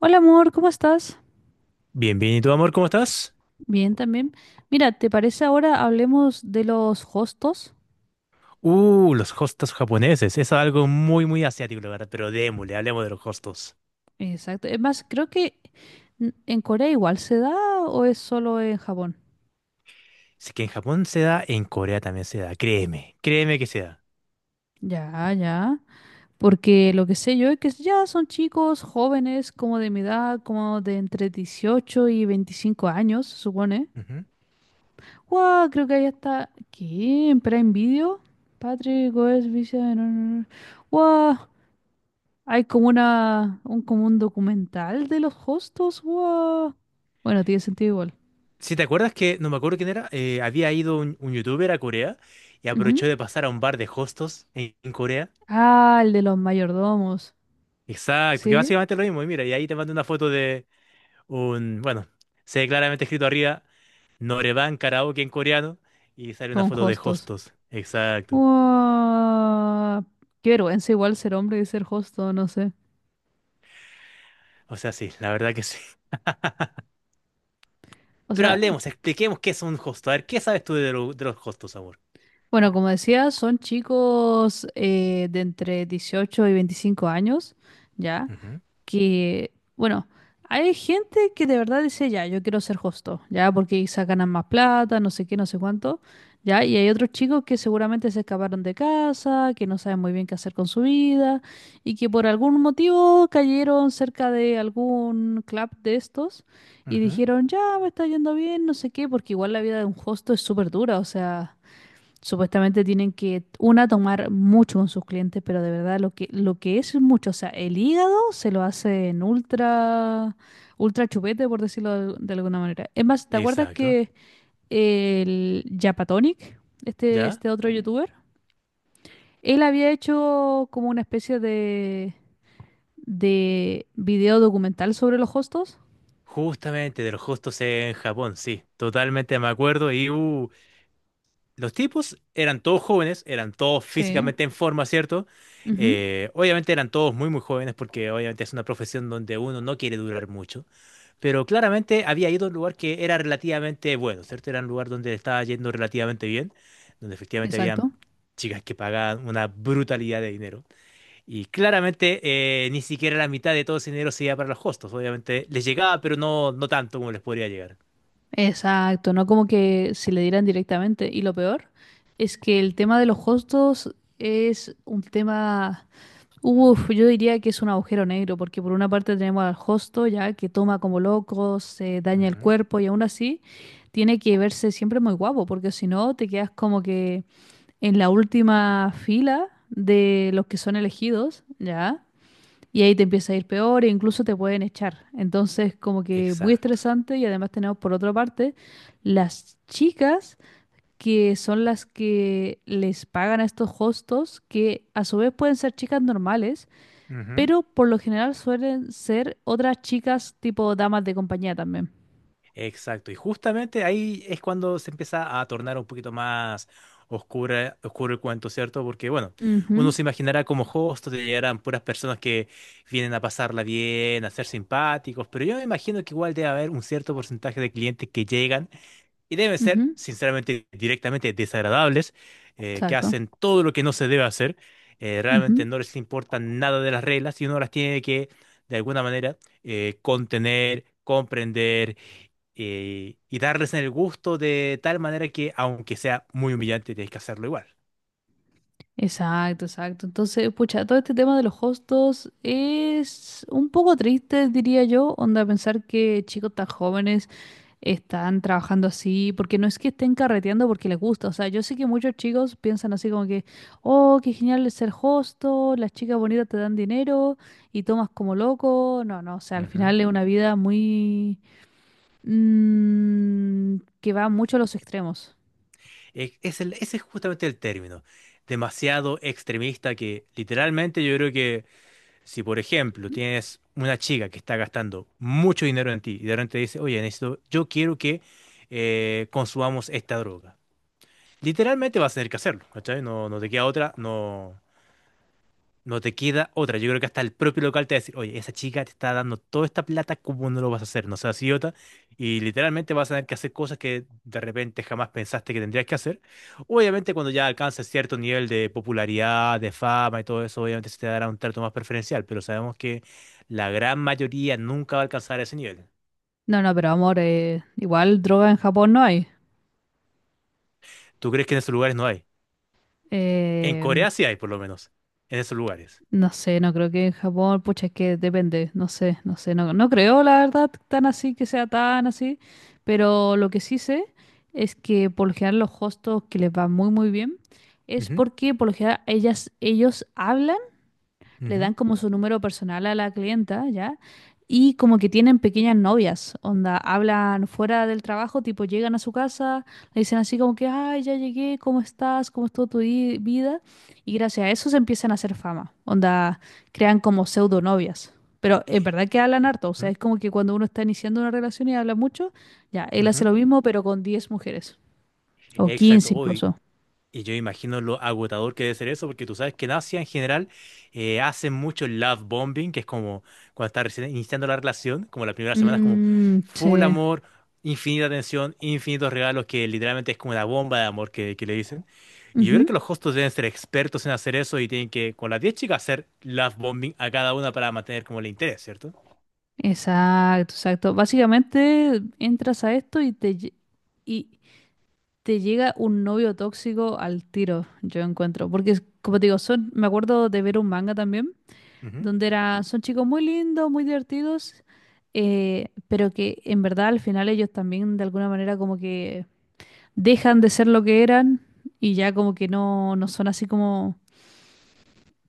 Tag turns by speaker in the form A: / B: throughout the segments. A: Hola amor, ¿cómo estás?
B: Bien, bien, ¿y tú, amor, cómo estás?
A: Bien también. Mira, ¿te parece ahora hablemos de los hostos?
B: Los hostos japoneses. Es algo muy, muy asiático, la verdad, pero démosle, hablemos de los hostos.
A: Exacto. Es más, creo que en Corea igual se da o es solo en Japón.
B: Si que en Japón se da, en Corea también se da. Créeme que se da.
A: Ya, ya. Porque lo que sé yo es que ya son chicos jóvenes, como de mi edad, como de entre 18 y 25 años, se supone.
B: Ujú.
A: ¡Wow! Creo que ahí está. ¿Qué? ¿En Prime Video? Patrick, Goes, Visa. ¡Wow! Hay como un documental de los hostos. Guau. Bueno, tiene sentido igual.
B: Si te acuerdas que, no me acuerdo quién era, había ido un youtuber a Corea y
A: Ujú.
B: aprovechó de pasar a un bar de hostos en Corea.
A: Ah, el de los mayordomos.
B: Exacto, que
A: Sí,
B: básicamente es lo mismo. Y mira, y ahí te mando una foto de un, bueno, se ve claramente escrito arriba, Noreban Karaoke en coreano, y sale una
A: con
B: foto de
A: hostos.
B: hostos. Exacto.
A: Guau. Qué vergüenza igual ser hombre y ser hosto, no sé.
B: O sea, sí, la verdad que sí.
A: O
B: Pero
A: sea,
B: hablemos, expliquemos qué es un hosto. A ver, ¿qué sabes tú de, de los hostos, amor?
A: bueno, como decía, son chicos de entre 18 y 25 años, ¿ya?
B: Ujú,
A: Que, bueno, hay gente que de verdad dice, ya, yo quiero ser hosto, ya, porque quizá ganan más plata, no sé qué, no sé cuánto, ya, y hay otros chicos que seguramente se escaparon de casa, que no saben muy bien qué hacer con su vida, y que por algún motivo cayeron cerca de algún club de estos y
B: ujú.
A: dijeron, ya, me está yendo bien, no sé qué, porque igual la vida de un hosto es súper dura, o sea. Supuestamente tienen que, una, tomar mucho con sus clientes, pero de verdad lo que es mucho, o sea, el hígado se lo hacen ultra, ultra chupete, por decirlo de, alguna manera. Es más, ¿te acuerdas
B: Exacto,
A: que el Japatonic, este,
B: ¿ya?
A: este otro youtuber, él había hecho como una especie de video documental sobre los hostos?
B: Justamente de los hostos en Japón, sí, totalmente me acuerdo. Y los tipos eran todos jóvenes, eran todos
A: Sí.
B: físicamente en forma, ¿cierto?
A: Ujú.
B: Obviamente eran todos muy, muy jóvenes porque obviamente es una profesión donde uno no quiere durar mucho. Pero claramente había ido a un lugar que era relativamente bueno, ¿cierto? Era un lugar donde estaba yendo relativamente bien, donde efectivamente habían
A: Exacto.
B: chicas que pagaban una brutalidad de dinero. Y claramente ni siquiera la mitad de todo ese dinero se iba para los hostos, obviamente les llegaba, pero no, no tanto como les podría llegar.
A: Exacto, no como que se le dieran directamente. Y lo peor es que el tema de los costos es un tema, uf, yo diría que es un agujero negro, porque por una parte tenemos al hosto ya que toma como loco, se daña el
B: Ujú.
A: cuerpo y aún así tiene que verse siempre muy guapo, porque si no te quedas como que en la última fila de los que son elegidos, ¿ya? Y ahí te empieza a ir peor e incluso te pueden echar. Entonces, como que muy
B: Exacto.
A: estresante y además tenemos por otra parte las chicas que son las que les pagan a estos hostos, que a su vez pueden ser chicas normales, pero por lo general suelen ser otras chicas tipo damas de compañía también.
B: Exacto, y justamente ahí es cuando se empieza a tornar un poquito más oscura, oscuro el cuento, ¿cierto? Porque, bueno, uno
A: Ujú,
B: se imaginará como host te llegarán puras personas que vienen a pasarla bien, a ser simpáticos, pero yo me imagino que igual debe haber un cierto porcentaje de clientes que llegan y deben ser,
A: ujú,
B: sinceramente, directamente desagradables, que
A: exacto.
B: hacen todo lo que no se debe hacer, realmente no les importa nada de las reglas y uno las tiene que, de alguna manera, contener, comprender y darles el gusto de tal manera que, aunque sea muy humillante, tienes que hacerlo igual.
A: Exacto, exacto. Entonces, pucha, todo este tema de los hostos es un poco triste, diría yo, onda pensar que chicos tan jóvenes están trabajando así, porque no es que estén carreteando porque les gusta, o sea, yo sé que muchos chicos piensan así como que, oh, qué genial es ser hosto, las chicas bonitas te dan dinero y tomas como loco, no, no, o sea, al
B: Ujú.
A: final es una vida muy, que va mucho a los extremos.
B: Ese es justamente el término, demasiado extremista que literalmente yo creo. Si, por ejemplo, tienes una chica que está gastando mucho dinero en ti y de repente dice, oye, necesito, yo quiero que consumamos esta droga. Literalmente vas a tener que hacerlo, ¿cachai? No, no te queda otra, no, no te queda otra. Yo creo que hasta el propio local te va a decir, oye, esa chica te está dando toda esta plata, ¿cómo no lo vas a hacer? No seas idiota. Y literalmente vas a tener que hacer cosas que de repente jamás pensaste que tendrías que hacer. Obviamente cuando ya alcances cierto nivel de popularidad, de fama y todo eso, obviamente se te dará un trato más preferencial, pero sabemos que la gran mayoría nunca va a alcanzar ese nivel.
A: No, no, pero amor, igual droga en Japón no hay.
B: ¿Tú crees que en esos lugares no hay? En
A: Em,
B: Corea sí hay, por lo menos, en esos lugares.
A: No sé, no creo que en Japón, pucha, es que depende, no sé, no sé, no, no creo la verdad tan así que sea tan así, pero lo que sí sé es que por lo general los hostos que les va muy muy bien es
B: Ujú,
A: porque por lo general ellos hablan le
B: ujú,
A: dan como su número personal a la clienta, ¿ya? Y como que tienen pequeñas novias, onda, hablan fuera del trabajo, tipo llegan a su casa, le dicen así como que, ay, ya llegué, ¿cómo estás? ¿Cómo estuvo tu vida? Y gracias a eso se empiezan a hacer fama, onda, crean como pseudo novias. Pero en verdad que hablan harto, o sea,
B: ujú,
A: es como que cuando uno está iniciando una relación y habla mucho, ya, él hace
B: ujú.
A: lo mismo, pero con 10 mujeres, o
B: Exacto.
A: 15
B: Uy,
A: incluso.
B: y yo imagino lo agotador que debe ser eso, porque tú sabes que en Asia en general hacen mucho love bombing, que es como cuando estás recién iniciando la relación, como la primera semana es como
A: Mm,
B: full
A: sí.
B: amor, infinita atención, infinitos regalos, que literalmente es como una bomba de amor que le dicen. Y yo creo que los hostos deben ser expertos en hacer eso y tienen que, con las 10 chicas, hacer love bombing a cada una para mantener como el interés, ¿cierto?
A: Exacto, exacto. Básicamente entras a esto y y te llega un novio tóxico al tiro, yo encuentro. Porque, como te digo, son, me acuerdo de ver un manga también,
B: Ujú.
A: donde son chicos muy lindos, muy divertidos, pero que en verdad al final ellos también de alguna manera como que dejan de ser lo que eran y ya como que no son así como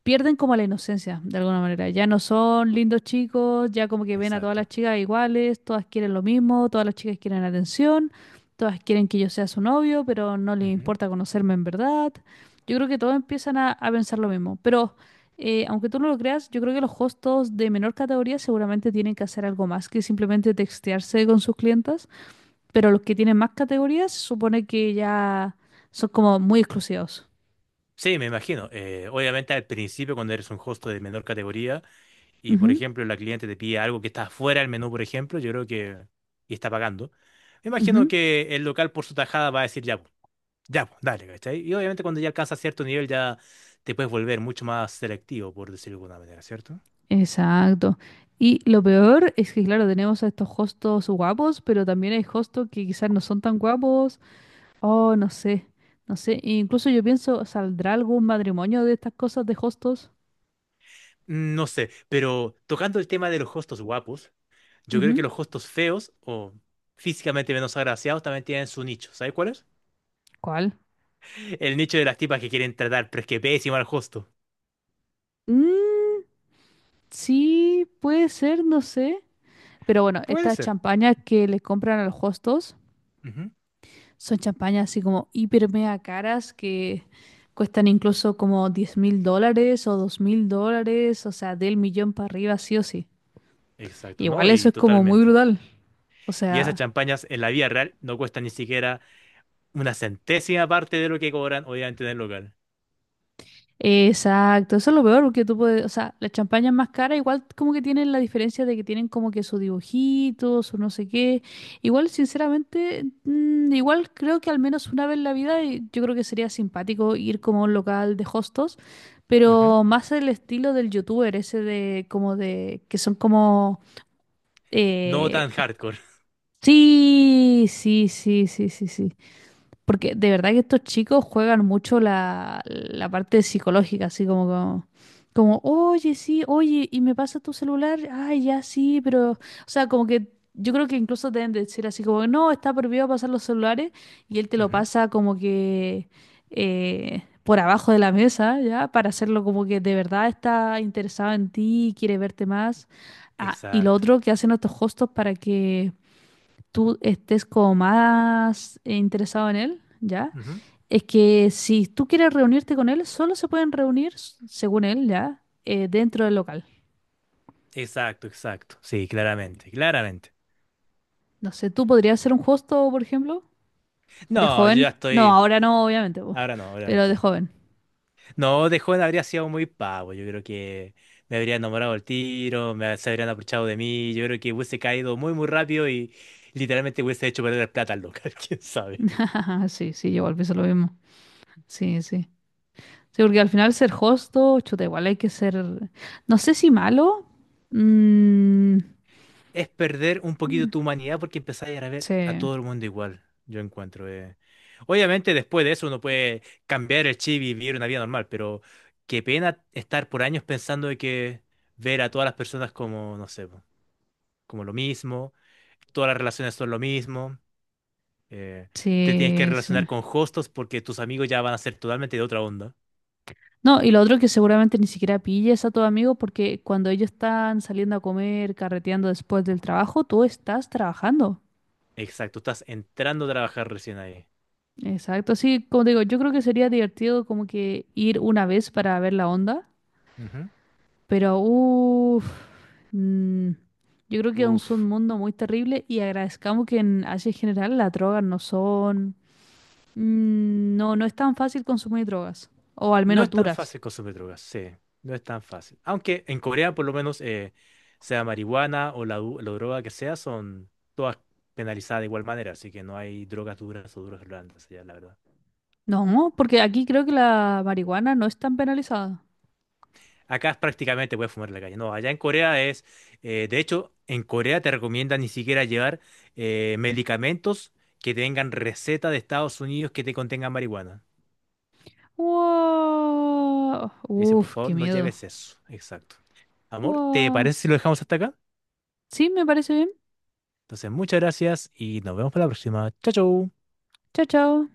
A: pierden como la inocencia, de alguna manera. Ya no son lindos chicos, ya como que ven a todas las
B: Exacto.
A: chicas iguales, todas quieren lo mismo, todas las chicas quieren atención, todas quieren que yo sea su novio, pero no les
B: Ujú.
A: importa conocerme en verdad. Yo creo que todos empiezan a pensar lo mismo. Pero aunque tú no lo creas, yo creo que los hostos de menor categoría seguramente tienen que hacer algo más que simplemente textearse con sus clientas. Pero los que tienen más categorías se supone que ya son como muy exclusivos.
B: Sí, me imagino. Obviamente al principio, cuando eres un host de menor categoría, y por
A: Ujú,
B: ejemplo la cliente te pide algo que está fuera del menú, por ejemplo, yo creo que y está pagando, me imagino
A: ujú.
B: que el local por su tajada va a decir ya, pues, dale, ¿cachai? Y obviamente cuando ya alcanza cierto nivel ya te puedes volver mucho más selectivo, por decirlo de alguna manera, ¿cierto?
A: Exacto. Y lo peor es que, claro, tenemos a estos hostos guapos, pero también hay hostos que quizás no son tan guapos. Oh, no sé, no sé. E incluso yo pienso, ¿saldrá algún matrimonio de estas cosas de hostos?
B: Mm, no sé, pero tocando el tema de los hostos guapos, yo creo que
A: Ujú.
B: los hostos feos o físicamente menos agraciados también tienen su nicho, ¿sabes cuál es?
A: ¿Cuál?
B: El nicho de las tipas que quieren tratar, pero es que pésimo al hosto.
A: Mm, sí, puede ser, no sé. Pero bueno,
B: Puede
A: estas
B: ser.
A: champañas que les compran a los hostos
B: Ujú.
A: son champañas así como hiper mega caras que cuestan incluso como $10.000 o $2.000, o sea, del millón para arriba, sí o sí.
B: Exacto,
A: Igual
B: ¿no?
A: eso
B: Y
A: es como muy
B: totalmente.
A: brutal. O
B: Y esas
A: sea,
B: champañas en la vida real no cuestan ni siquiera una centésima parte de lo que cobran obviamente en el local.
A: exacto, eso es lo peor porque tú puedes, o sea, las champañas más caras igual como que tienen la diferencia de que tienen como que sus dibujitos, su no sé qué. Igual, sinceramente, igual creo que al menos una vez en la vida yo creo que sería simpático ir como a un local de hostos,
B: Ujú.
A: pero más el estilo del youtuber ese de como de que son como
B: No
A: eh,
B: tan hardcore.
A: sí, sí, sí, sí, sí, sí. Porque de verdad que estos chicos juegan mucho la parte psicológica, así como, oye, sí, oye, y me pasa tu celular, ay, ya sí, pero, o sea, como que yo creo que incluso deben decir así como, no, está prohibido pasar los celulares, y él te lo
B: Ujú.
A: pasa como que por abajo de la mesa, ¿ya? Para hacerlo como que de verdad está interesado en ti, quiere verte más. Ah, y lo
B: Exacto.
A: otro que hacen estos hostos para que tú estés como más interesado en él, ¿ya?
B: Ujú.
A: Es que si tú quieres reunirte con él, solo se pueden reunir, según él, ¿ya? Dentro del local.
B: Exacto, exacto. Sí, claramente, claramente.
A: No sé, ¿tú podrías ser un hosto, por ejemplo? ¿De
B: No, yo ya
A: joven? No,
B: estoy.
A: ahora no, obviamente, po,
B: Ahora no,
A: pero
B: obviamente
A: de
B: no.
A: joven.
B: No, de joven habría sido muy pavo. Yo creo que me habría enamorado el tiro, me, se habrían aprovechado de mí. Yo creo que hubiese caído muy, muy rápido y literalmente hubiese hecho perder plata al local. ¿Quién sabe?
A: Sí, sí, yo igual pienso lo mismo. Sí, sí. Sí, porque al final ser hosto, chuta, igual hay que ser, no sé si malo. Mm,
B: Es perder un poquito tu humanidad porque empezás a ver
A: sí,
B: a todo el mundo igual, yo encuentro. Obviamente después de eso uno puede cambiar el chip y vivir una vida normal, pero qué pena estar por años pensando de que ver a todas las personas como, no sé, po, como lo mismo, todas las relaciones son lo mismo, eh, te tienes que
A: sí,
B: relacionar
A: sí.
B: con hostos porque tus amigos ya van a ser totalmente de otra onda.
A: No, y lo otro que seguramente ni siquiera pilles a tu amigo porque cuando ellos están saliendo a comer, carreteando después del trabajo, tú estás trabajando.
B: Exacto, estás entrando a trabajar recién ahí.
A: Exacto, sí, como te digo, yo creo que sería divertido como que ir una vez para ver la onda,
B: Ujú.
A: pero uff, mm, yo creo que aún es un
B: Uf.
A: mundo muy terrible y agradezcamos que en Asia en general las drogas no son, no, no es tan fácil consumir drogas, o al
B: No
A: menos
B: es tan
A: duras.
B: fácil consumir drogas, sí, no es tan fácil. Aunque en Corea, por lo menos, sea marihuana o la, la droga que sea, son todas penalizadas de igual manera, así que no hay drogas duras o drogas blandas allá, la verdad.
A: No, porque aquí creo que la marihuana no es tan penalizada.
B: Acá es prácticamente puedes fumar en la calle. No, allá en Corea es, de hecho, en Corea te recomiendan ni siquiera llevar medicamentos que tengan receta de Estados Unidos que te contengan marihuana.
A: Wow.
B: Te dicen, por
A: Uf,
B: favor,
A: qué
B: no
A: miedo.
B: lleves eso. Exacto. Amor, ¿te
A: Wow.
B: parece si lo dejamos hasta acá?
A: Sí, me parece bien.
B: Entonces, muchas gracias y nos vemos para la próxima. Chao, chao.
A: Chao, chao.